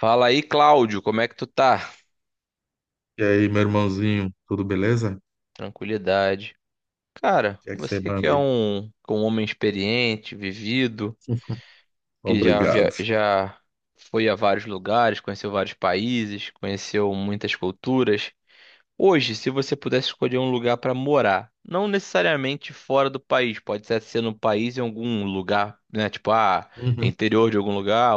Fala aí, Cláudio, como é que tu tá? E aí, meu irmãozinho, tudo beleza? O Tranquilidade. Cara, que é que você você que manda é aí? um homem experiente, vivido, que já, via- Obrigado. já foi a vários lugares, conheceu vários países, conheceu muitas culturas. Hoje, se você pudesse escolher um lugar para morar, não necessariamente fora do país, pode ser no país em algum lugar, né? Uhum, Interior de algum lugar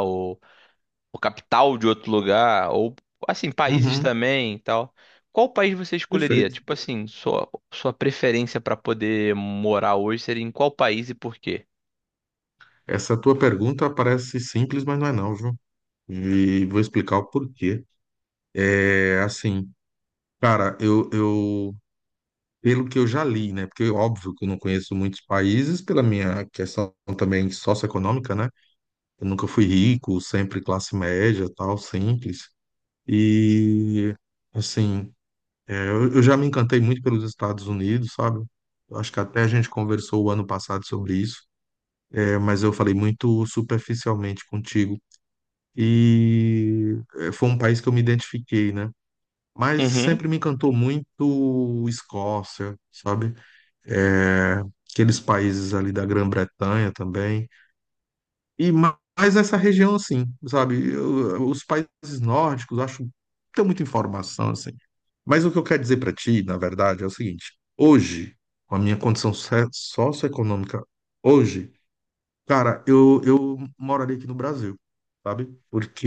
ou capital de outro lugar, ou assim, países uhum, também e tal. Qual país você escolheria? perfeito. Tipo assim, sua preferência para poder morar hoje seria em qual país e por quê? Essa tua pergunta parece simples, mas não é não, viu? E vou explicar o porquê. É assim, cara, eu, pelo que eu já li, né? Porque é óbvio que eu não conheço muitos países pela minha questão também socioeconômica, né? Eu nunca fui rico, sempre classe média, tal, simples. E assim, é, eu já me encantei muito pelos Estados Unidos, sabe? Eu acho que até a gente conversou o ano passado sobre isso, é, mas eu falei muito superficialmente contigo. E é, foi um país que eu me identifiquei, né? Mas Uhum. sempre me encantou muito Escócia, sabe? É, aqueles países ali da Grã-Bretanha também. E mais essa região, assim, sabe? Os países nórdicos, eu acho, que tem muita informação, assim. Mas o que eu quero dizer para ti, na verdade, é o seguinte: hoje, com a minha condição socioeconômica, hoje, cara, eu moraria aqui no Brasil, sabe?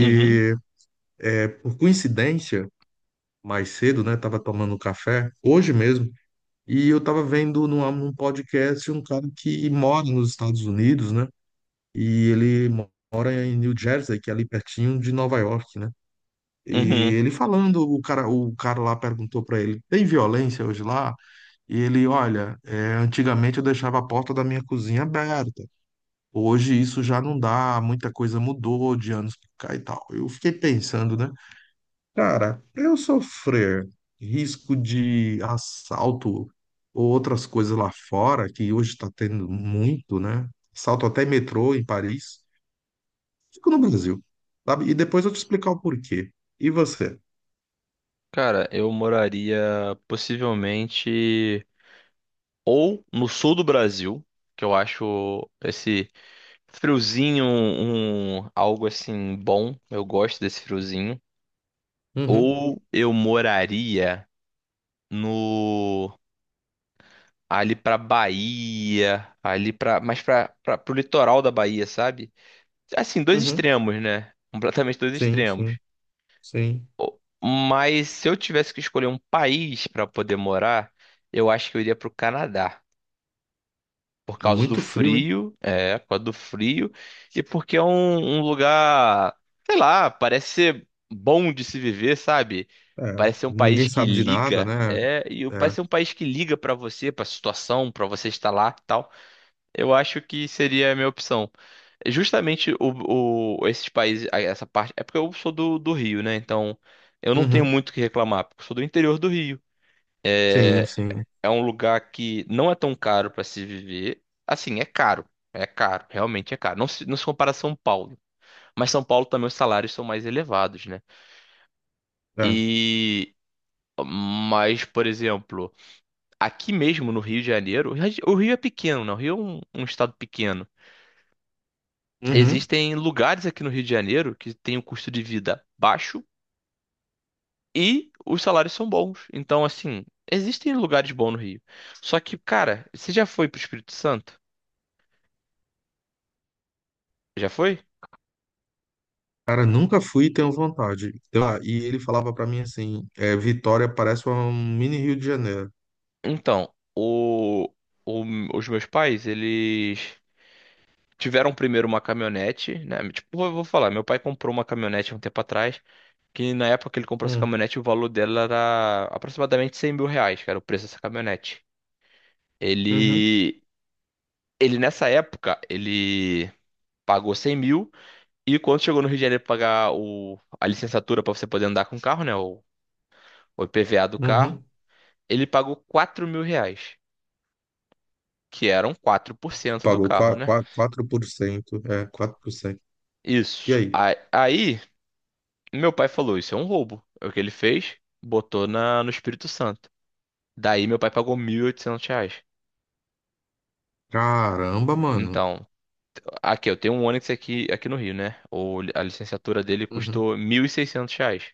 Uhum. é, por coincidência, mais cedo, né, tava tomando café, hoje mesmo, e eu tava vendo num podcast um cara que mora nos Estados Unidos, né? E ele mora em New Jersey, que é ali pertinho de Nova York, né? E Uhum. ele falando, o cara lá perguntou para ele: tem violência hoje lá? E ele: olha, é, antigamente eu deixava a porta da minha cozinha aberta, hoje isso já não dá, muita coisa mudou de anos pra cá e tal. Eu fiquei pensando, né? Cara, pra eu sofrer risco de assalto ou outras coisas lá fora, que hoje tá tendo muito, né? Assalto até metrô em Paris, fico no Brasil, sabe? E depois eu te explicar o porquê. E você? Cara, eu moraria possivelmente ou no sul do Brasil, que eu acho esse friozinho algo assim bom. Eu gosto desse friozinho. Uhum, Ou eu moraria no ali pra Bahia, ali pra, mais pra, pra, pro litoral da Bahia, sabe? Assim, dois uhum. extremos, né? Completamente dois Sim, extremos. sim, sim. O- Mas se eu tivesse que escolher um país pra poder morar, eu acho que eu iria pro Canadá. Por causa do Muito frio, hein? frio, é, por causa do frio, e porque é um lugar, sei lá, parece ser bom de se viver, sabe? É, Parece ser um país ninguém que sabe de nada, liga, né? é, e É, parece ser um país que liga pra você, pra situação, pra você estar lá e tal. Eu acho que seria a minha opção. É justamente esses países, essa parte. É porque eu sou do Rio, né? Então eu não tenho uhum, muito o que reclamar, porque eu sou do interior do Rio. sim, É, sim. é um lugar que não é tão caro para se viver. Assim, é caro. É caro, realmente é caro. Não se compara a São Paulo. Mas São Paulo também os salários são mais elevados, né? É. E. Mas, por exemplo, aqui mesmo no Rio de Janeiro, o Rio é pequeno, né? O Rio é um estado pequeno. Uhum. Existem lugares aqui no Rio de Janeiro que tem um custo de vida baixo e os salários são bons. Então, assim, existem lugares bons no Rio. Só que, cara, você já foi pro Espírito Santo? Já foi? Cara, nunca fui e tenho vontade. Então, ah, e ele falava pra mim assim, é, Vitória parece um mini Rio de Janeiro. Então, os meus pais, eles tiveram primeiro uma caminhonete, né? Tipo, eu vou falar, meu pai comprou uma caminhonete há um tempo atrás, que na época que ele comprou essa Hum, caminhonete, o valor dela era aproximadamente 100 mil reais, que era o preço dessa caminhonete. Uhum, Ele, ele nessa época, ele pagou 100 mil, e quando chegou no Rio de Janeiro pra pagar a licenciatura pra você poder andar com o carro, né? O IPVA do carro, uhum. ele pagou 4 mil reais, que eram 4% do Pagou carro, né? 4%, 4%, é, 4%. E Isso. aí? Meu pai falou: isso é um roubo. É o que ele fez, botou no Espírito Santo. Daí, meu pai pagou 1.800 reais. Caramba, mano. Então, aqui, eu tenho um Onix aqui, aqui no Rio, né? A licenciatura dele Uhum. custou 1.600 reais.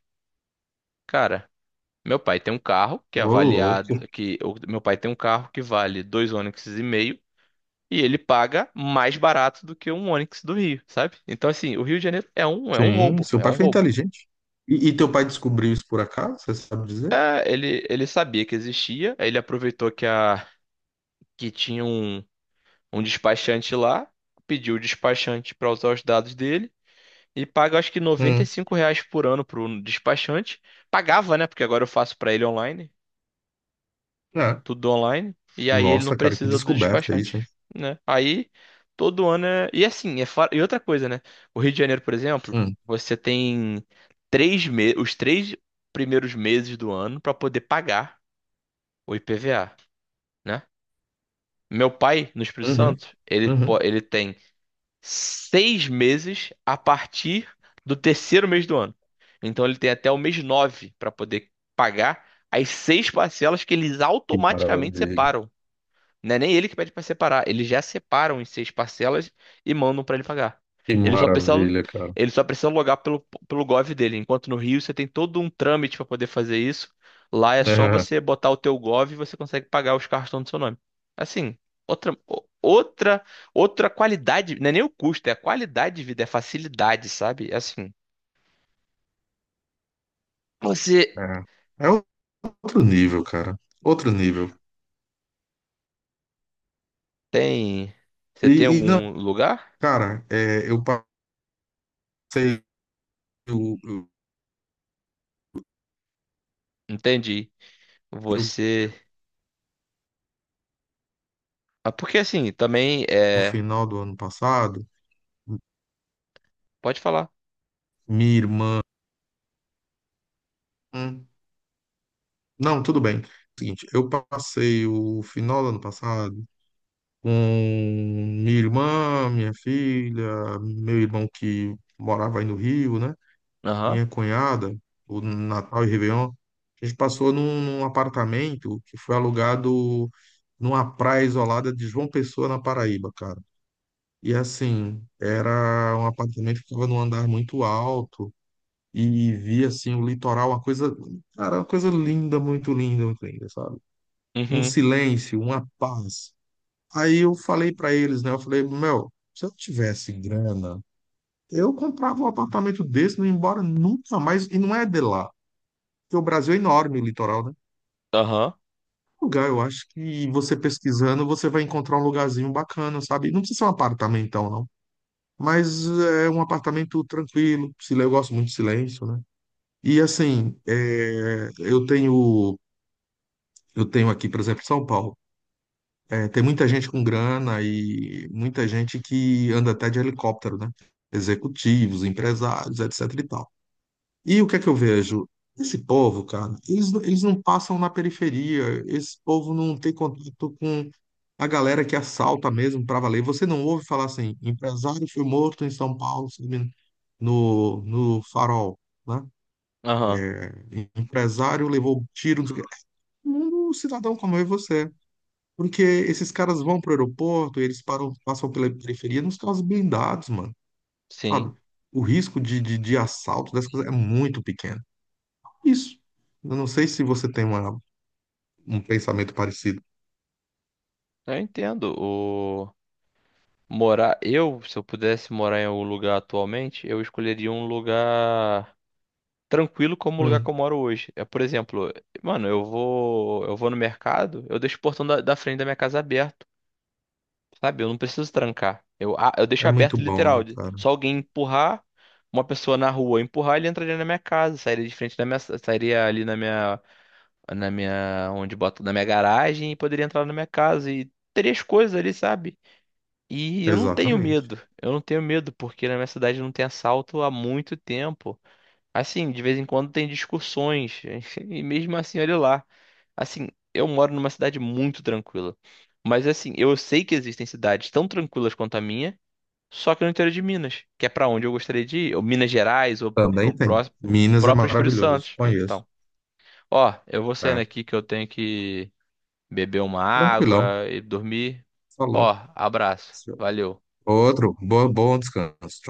Cara, meu pai tem um carro que é Ô, avaliado, louco. que meu pai tem um carro que vale dois Onix e meio e ele paga mais barato do que um Onix do Rio, sabe? Então assim, o Rio de Janeiro é um Sim, roubo, seu é pai um foi roubo. inteligente. E teu pai descobriu isso por acaso, você sabe dizer? É, ele sabia que existia, aí ele aproveitou que a que tinha um despachante lá, pediu o despachante para usar os dados dele e paga acho que noventa e Hum, cinco reais por ano pro despachante. Pagava, né? Porque agora eu faço para ele online, é. tudo online, e aí ele não Nossa, cara, que precisa do descoberta despachante, isso, hein? né? Aí todo ano é. E assim, é fora e outra coisa, né? O Rio de Janeiro, por exemplo, Hum, você tem 3 meses, os 3 primeiros meses do ano para poder pagar o IPVA, né? Meu pai, no Espírito uhum, Santo, ele, uhum. ele tem 6 meses a partir do terceiro mês do ano. Então ele tem até o mês nove para poder pagar as 6 parcelas que eles Que automaticamente maravilha, separam. Não é nem ele que pede para separar, eles já separam em 6 parcelas e mandam para ele pagar. que Ele só precisa, maravilha, cara. ele só precisa logar pelo Gov dele, enquanto no Rio você tem todo um trâmite para poder fazer isso. Lá é só É, você botar o teu Gov e você consegue pagar os carros que estão no seu nome. Assim, outra, o- outra, outra qualidade, não é nem o custo, é a qualidade de vida, é a facilidade, sabe? É assim, você é. É outro nível, cara. Outro nível. tem, você tem E, e não, algum lugar? cara, é, eu passei o, o- Entendi. eu- Você, ah, porque assim, também o é, final do ano passado, pode falar. minha irmã. Hum, não, tudo bem. Seguinte, eu passei o final do ano passado com minha irmã, minha filha, meu irmão que morava aí no Rio, né? Aham. Minha cunhada, o Natal e Réveillon. A gente passou num apartamento que foi alugado numa praia isolada de João Pessoa, na Paraíba, cara. E assim, era um apartamento que ficava num andar muito alto e via assim o litoral, uma coisa, cara, uma coisa linda, muito linda, muito linda, sabe? Um Uhum. silêncio, uma paz. Aí eu falei pra eles, né? Eu falei, meu, se eu tivesse grana, eu comprava um apartamento desse, não ia embora nunca mais. E não é de lá, porque o Brasil é enorme, o litoral, né? Aham. Um lugar, eu acho que você pesquisando, você vai encontrar um lugarzinho bacana, sabe? Não precisa ser um apartamentão, não. Mas é um apartamento tranquilo, eu gosto muito de silêncio, né? E assim, é, eu tenho aqui, por exemplo, São Paulo. É, tem muita gente com grana e muita gente que anda até de helicóptero, né? Executivos, empresários, etc e tal. E o que é que eu vejo? Esse povo, cara, eles não passam na periferia, esse povo não tem contato com a galera que assalta mesmo para valer. Você não ouve falar assim, empresário foi morto em São Paulo, se não me engano, no Farol, né? Aham. Empresário levou tiro, não sei o quê. É um cidadão como eu e você. Porque esses caras vão pro aeroporto, eles param, passam pela periferia nos carros blindados, mano, Sim. sabe? O risco de assalto dessas coisas é muito pequeno. Isso. Eu não sei se você tem uma, um pensamento parecido. Eu entendo. O morar eu, se eu pudesse morar em algum lugar atualmente, eu escolheria um lugar tranquilo como o lugar que Hum, eu moro hoje. É, por exemplo, mano, eu vou no mercado, eu deixo o portão da frente da minha casa aberto, sabe? Eu não preciso trancar. Eu deixo é muito aberto bom, literal. né, cara? Só alguém empurrar, uma pessoa na rua empurrar, ele entraria na minha casa, sairia de frente da minha, sairia ali onde boto na minha garagem e poderia entrar na minha casa e teria as coisas ali, sabe? E eu não tenho Exatamente. medo. Eu não tenho medo porque na minha cidade não tem assalto há muito tempo. Assim, de vez em quando tem discussões e mesmo assim, olha lá. Assim, eu moro numa cidade muito tranquila. Mas assim, eu sei que existem cidades tão tranquilas quanto a minha, só que no interior de Minas, que é pra onde eu gostaria de ir, ou Minas Gerais ou Também pro tem. Minas é próprio Espírito Santo. maravilhoso, conheço. Então, ó, eu vou saindo É. aqui que eu tenho que beber uma Tranquilão. água e dormir. Ó, Falou. abraço. Valeu. Outro. Bom, bom descanso. Tchau.